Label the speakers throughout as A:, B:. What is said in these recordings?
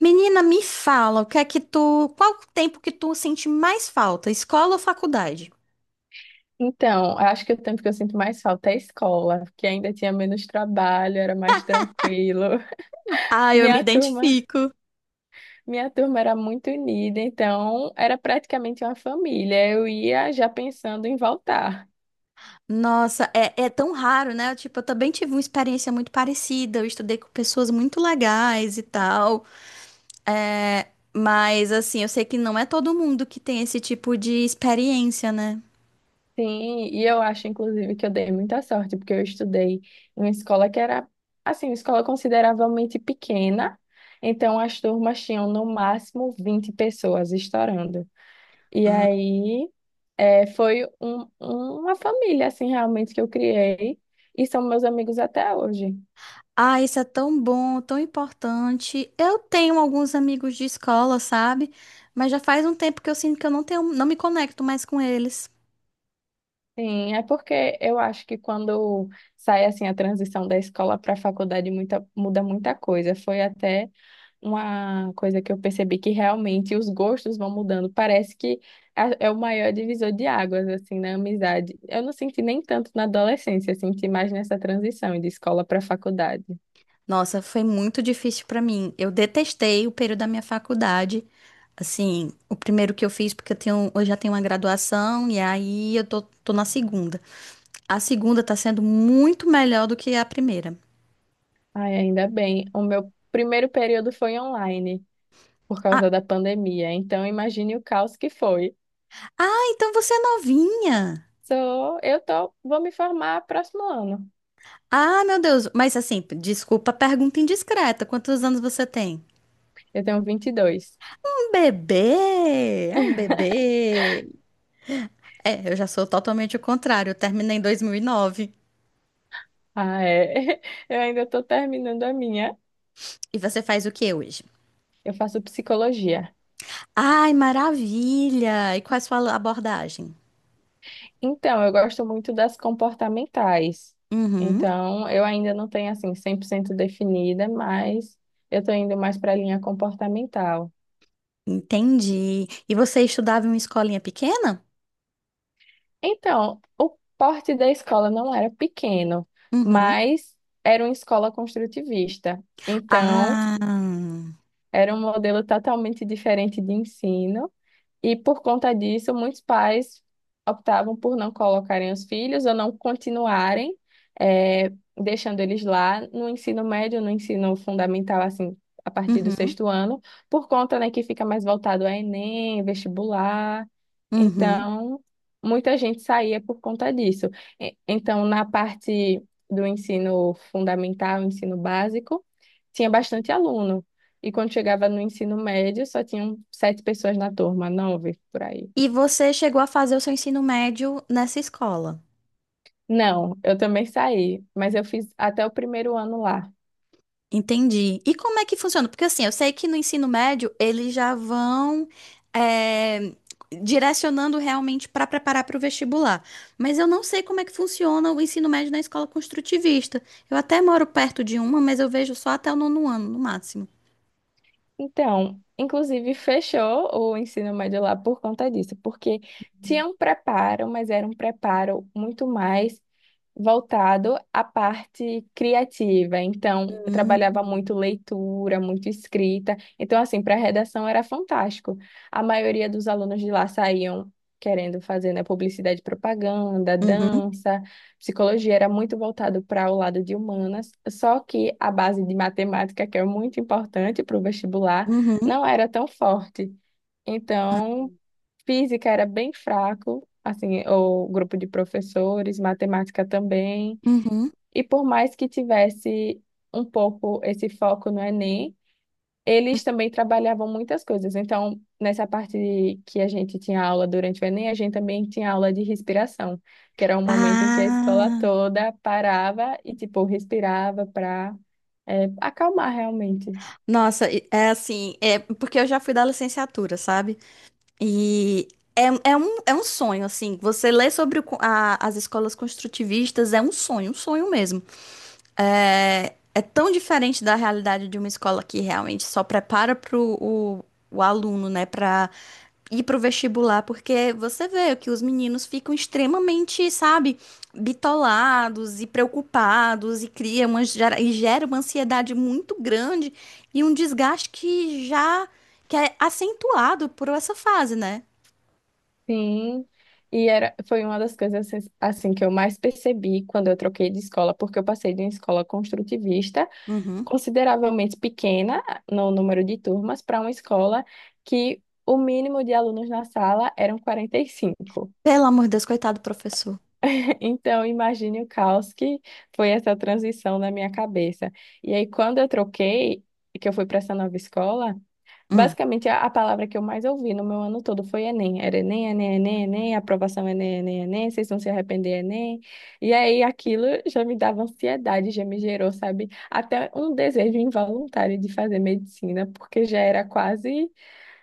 A: Menina, me fala, o que é que tu, qual o tempo que tu sente mais falta, escola ou faculdade?
B: Então, eu acho que o tempo que eu sinto mais falta é a escola, porque ainda tinha menos trabalho, era mais tranquilo.
A: Ah, eu me
B: Minha turma,
A: identifico.
B: minha turma era muito unida, então era praticamente uma família. Eu ia já pensando em voltar.
A: Nossa, é tão raro, né? Tipo, eu também tive uma experiência muito parecida. Eu estudei com pessoas muito legais e tal. É, mas, assim, eu sei que não é todo mundo que tem esse tipo de experiência, né?
B: Sim, e eu acho, inclusive, que eu dei muita sorte, porque eu estudei em uma escola que era, assim, uma escola consideravelmente pequena, então as turmas tinham no máximo 20 pessoas estourando. E aí foi uma família, assim, realmente que eu criei. E são meus amigos até hoje.
A: Ah, isso é tão bom, tão importante. Eu tenho alguns amigos de escola, sabe? Mas já faz um tempo que eu sinto que eu não tenho, não me conecto mais com eles.
B: Sim, é porque eu acho que quando sai assim a transição da escola para a faculdade muda muita coisa. Foi até uma coisa que eu percebi que realmente os gostos vão mudando. Parece que é o maior divisor de águas assim na amizade. Eu não senti nem tanto na adolescência, senti mais nessa transição de escola para faculdade.
A: Nossa, foi muito difícil para mim. Eu detestei o período da minha faculdade. Assim, o primeiro que eu fiz, porque eu tenho, eu já tenho uma graduação e aí eu tô na segunda. A segunda tá sendo muito melhor do que a primeira.
B: Ai, ainda bem. O meu primeiro período foi online por
A: Ah,
B: causa da pandemia. Então, imagine o caos que foi.
A: ah, então você é novinha.
B: Sou, eu tô, vou me formar próximo ano.
A: Ah, meu Deus. Mas assim, desculpa a pergunta indiscreta. Quantos anos você tem?
B: Eu tenho 22.
A: Um bebê. É um bebê. É, eu já sou totalmente o contrário. Eu terminei em 2009. E nove.
B: Ah, é. Eu ainda estou terminando a minha.
A: E você faz o que hoje?
B: Eu faço psicologia.
A: Ai, maravilha! E qual é a sua abordagem?
B: Então, eu gosto muito das comportamentais.
A: Uhum,
B: Então, eu ainda não tenho assim 100% definida, mas eu estou indo mais para a linha comportamental.
A: entendi. E você estudava em uma escolinha pequena?
B: Então, o porte da escola não era pequeno,
A: Uhum.
B: mas era uma escola construtivista. Então,
A: Ah,
B: era um modelo totalmente diferente de ensino. E por conta disso, muitos pais optavam por não colocarem os filhos ou não continuarem, eh, deixando eles lá no ensino médio, no ensino fundamental, assim, a partir do
A: uhum,
B: sexto ano, por conta, né, que fica mais voltado a Enem, vestibular.
A: uhum.
B: Então, muita gente saía por conta disso. Então, na parte do ensino fundamental, ensino básico, tinha bastante aluno. E quando chegava no ensino médio, só tinham sete pessoas na turma, nove por aí.
A: E você chegou a fazer o seu ensino médio nessa escola?
B: Não, eu também saí, mas eu fiz até o primeiro ano lá.
A: Entendi. E como é que funciona? Porque assim, eu sei que no ensino médio eles já vão eh, direcionando realmente para preparar para o vestibular. Mas eu não sei como é que funciona o ensino médio na escola construtivista. Eu até moro perto de uma, mas eu vejo só até o nono ano, no máximo.
B: Então, inclusive, fechou o ensino médio lá por conta disso, porque tinha um preparo, mas era um preparo muito mais voltado à parte criativa. Então, eu trabalhava
A: Hum.
B: muito leitura, muito escrita. Então, assim, para redação era fantástico. A maioria dos alunos de lá saíam querendo fazer, né, publicidade e propaganda,
A: Uhum,
B: dança. Psicologia era muito voltado para o lado de humanas, só que a base de matemática, que é muito importante para o vestibular,
A: uhum,
B: não era tão forte.
A: ah,
B: Então, física era bem fraco, assim, o grupo de professores, matemática também.
A: uhum.
B: E por mais que tivesse um pouco esse foco no Enem, eles também trabalhavam muitas coisas. Então, nessa parte que a gente tinha aula durante o Enem, a gente também tinha aula de respiração, que era um momento em que a escola
A: Ah,
B: toda parava e, tipo, respirava para acalmar realmente.
A: nossa, é assim, é porque eu já fui da licenciatura, sabe? E é, é um sonho, assim. Você lê sobre as escolas construtivistas é um sonho mesmo. É tão diferente da realidade de uma escola que realmente só prepara para o aluno, né, para ir para o vestibular, porque você vê que os meninos ficam extremamente, sabe, bitolados e preocupados e cria uma, e gera uma ansiedade muito grande e um desgaste que já que é acentuado por essa fase, né?
B: Sim. E era, foi uma das coisas assim, que eu mais percebi quando eu troquei de escola, porque eu passei de uma escola construtivista,
A: Uhum.
B: consideravelmente pequena no número de turmas, para uma escola que o mínimo de alunos na sala eram 45.
A: Pelo amor de Deus, coitado do professor.
B: Então, imagine o caos que foi essa transição na minha cabeça. E aí, quando eu troquei, e que eu fui para essa nova escola,
A: Hum.
B: basicamente a palavra que eu mais ouvi no meu ano todo foi Enem. Era Enem, Enem, Enem, Enem, aprovação Enem, Enem, Enem, vocês vão se arrepender, Enem. E aí, aquilo já me dava ansiedade, já me gerou, sabe, até um desejo involuntário de fazer medicina, porque já era quase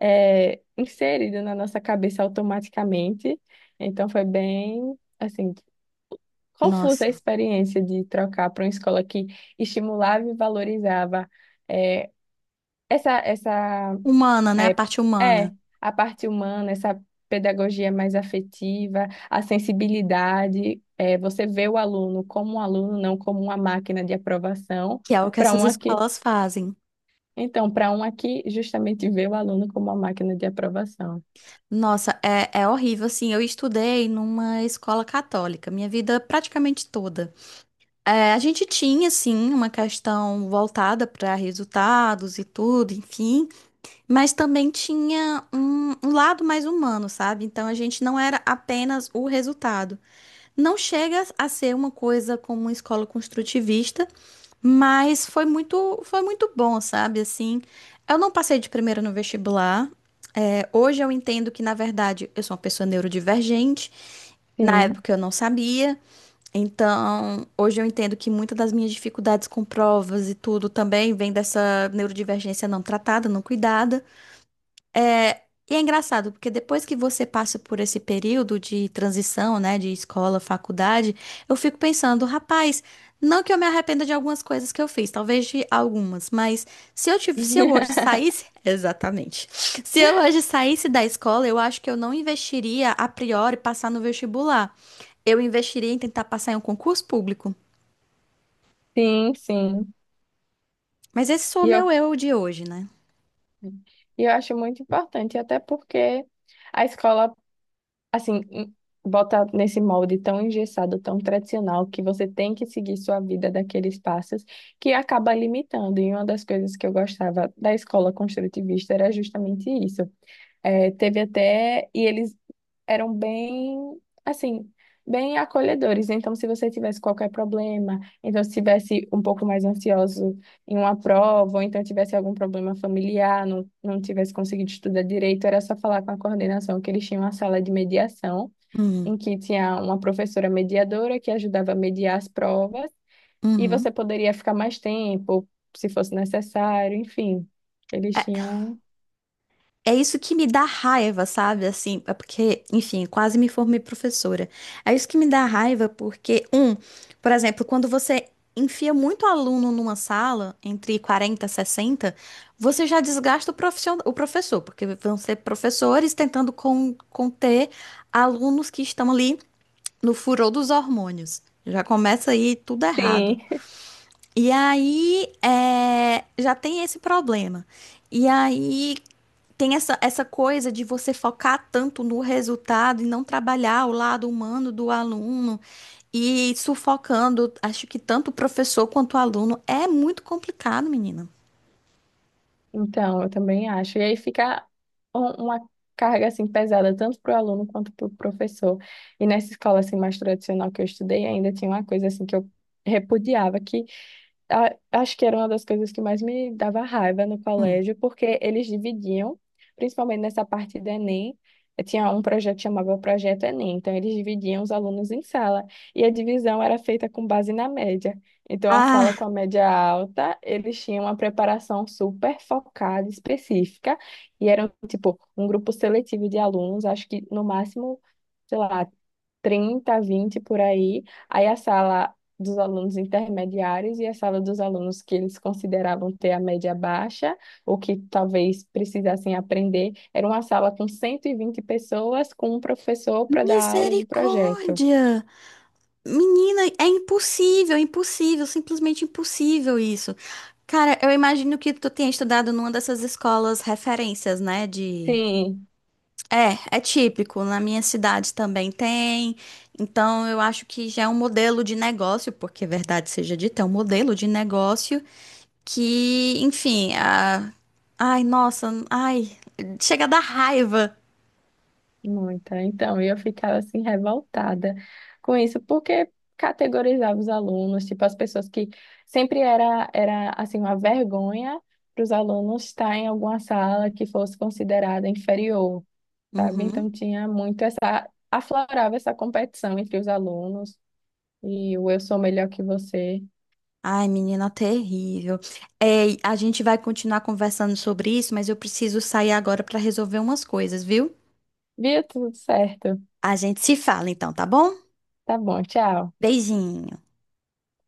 B: inserido na nossa cabeça automaticamente. Então, foi bem. Assim, confusa a
A: Nossa.
B: experiência de trocar para uma escola que estimulava e valorizava é, essa
A: Humana, né? A
B: é,
A: parte
B: é,
A: humana,
B: a parte humana, essa pedagogia mais afetiva, a sensibilidade, você vê o aluno como um aluno, não como uma máquina de aprovação,
A: que é o que
B: para
A: essas
B: uma que,
A: escolas fazem.
B: então, para uma que justamente vê o aluno como uma máquina de aprovação.
A: Nossa, é horrível, assim, eu estudei numa escola católica, minha vida praticamente toda. É, a gente tinha, sim, uma questão voltada para resultados e tudo, enfim, mas também tinha um lado mais humano, sabe? Então a gente não era apenas o resultado. Não chega a ser uma coisa como uma escola construtivista, mas foi muito bom, sabe? Assim, eu não passei de primeira no vestibular. É, hoje eu entendo que, na verdade, eu sou uma pessoa neurodivergente. Na
B: Sim.
A: época eu não sabia. Então, hoje eu entendo que muitas das minhas dificuldades com provas e tudo também vem dessa neurodivergência não tratada, não cuidada. É, e é engraçado, porque depois que você passa por esse período de transição, né, de escola, faculdade, eu fico pensando, rapaz, não que eu me arrependa de algumas coisas que eu fiz, talvez de algumas, mas se eu hoje saísse, exatamente, se eu hoje saísse da escola, eu acho que eu não investiria a priori passar no vestibular. Eu investiria em tentar passar em um concurso público.
B: Sim, sim.
A: Mas esse sou o
B: E eu
A: meu eu de hoje, né?
B: E eu acho muito importante, até porque a escola, assim, bota nesse molde tão engessado, tão tradicional, que você tem que seguir sua vida daqueles passos, que acaba limitando. E uma das coisas que eu gostava da escola construtivista era justamente isso. É, teve até. E eles eram bem, assim, bem acolhedores. Então, se você tivesse qualquer problema, então, se tivesse um pouco mais ansioso em uma prova, ou então tivesse algum problema familiar, não, não tivesse conseguido estudar direito, era só falar com a coordenação, que eles tinham uma sala de mediação,
A: Uhum.
B: em que tinha uma professora mediadora que ajudava a mediar as provas, e
A: Uhum.
B: você poderia ficar mais tempo, se fosse necessário, enfim. Eles
A: É,
B: tinham.
A: é isso que me dá raiva, sabe? Assim, é porque, enfim, quase me formei professora. É isso que me dá raiva porque, um, por exemplo, quando você enfia muito aluno numa sala, entre 40 e 60, você já desgasta o o professor, porque vão ser professores tentando conter alunos que estão ali no furor dos hormônios. Já começa aí tudo errado.
B: Sim.
A: E aí, é, já tem esse problema. E aí, tem essa coisa de você focar tanto no resultado e não trabalhar o lado humano do aluno e sufocando, acho que tanto o professor quanto o aluno é muito complicado, menina.
B: Então, eu também acho. E aí fica uma carga assim pesada tanto para o aluno quanto para o professor. E nessa escola assim mais tradicional que eu estudei, ainda tinha uma coisa assim que eu repudiava, acho que era uma das coisas que mais me dava raiva no
A: Hum.
B: colégio, porque eles dividiam, principalmente nessa parte do Enem, tinha um projeto que chamava Projeto Enem, então eles dividiam os alunos em sala, e a divisão era feita com base na média. Então, a sala
A: Ah,
B: com a média alta, eles tinham uma preparação super focada, específica, e eram, tipo, um grupo seletivo de alunos, acho que no máximo, sei lá, 30, 20 por aí. Aí a sala dos alunos intermediários e a sala dos alunos que eles consideravam ter a média baixa, ou que talvez precisassem aprender, era uma sala com 120 pessoas, com um professor para dar aula do projeto.
A: misericórdia! Menina, é impossível, impossível, simplesmente impossível isso. Cara, eu imagino que tu tenha estudado numa dessas escolas referências, né, de.
B: Sim,
A: É, é típico. Na minha cidade também tem. Então, eu acho que já é um modelo de negócio, porque é verdade seja dita, é um modelo de negócio que, enfim, a. Ai, nossa, ai, chega a dar raiva.
B: muita. Então, eu ficava assim revoltada com isso, porque categorizava os alunos, tipo as pessoas que sempre era assim uma vergonha para os alunos estar em alguma sala que fosse considerada inferior. Sabe?
A: Uhum.
B: Então tinha muito essa, aflorava essa competição entre os alunos e o eu sou melhor que você.
A: Ai, menina, terrível. Ei, a gente vai continuar conversando sobre isso, mas eu preciso sair agora para resolver umas coisas, viu?
B: Via tudo certo.
A: A gente se fala então, tá bom?
B: Tá bom, tchau.
A: Beijinho.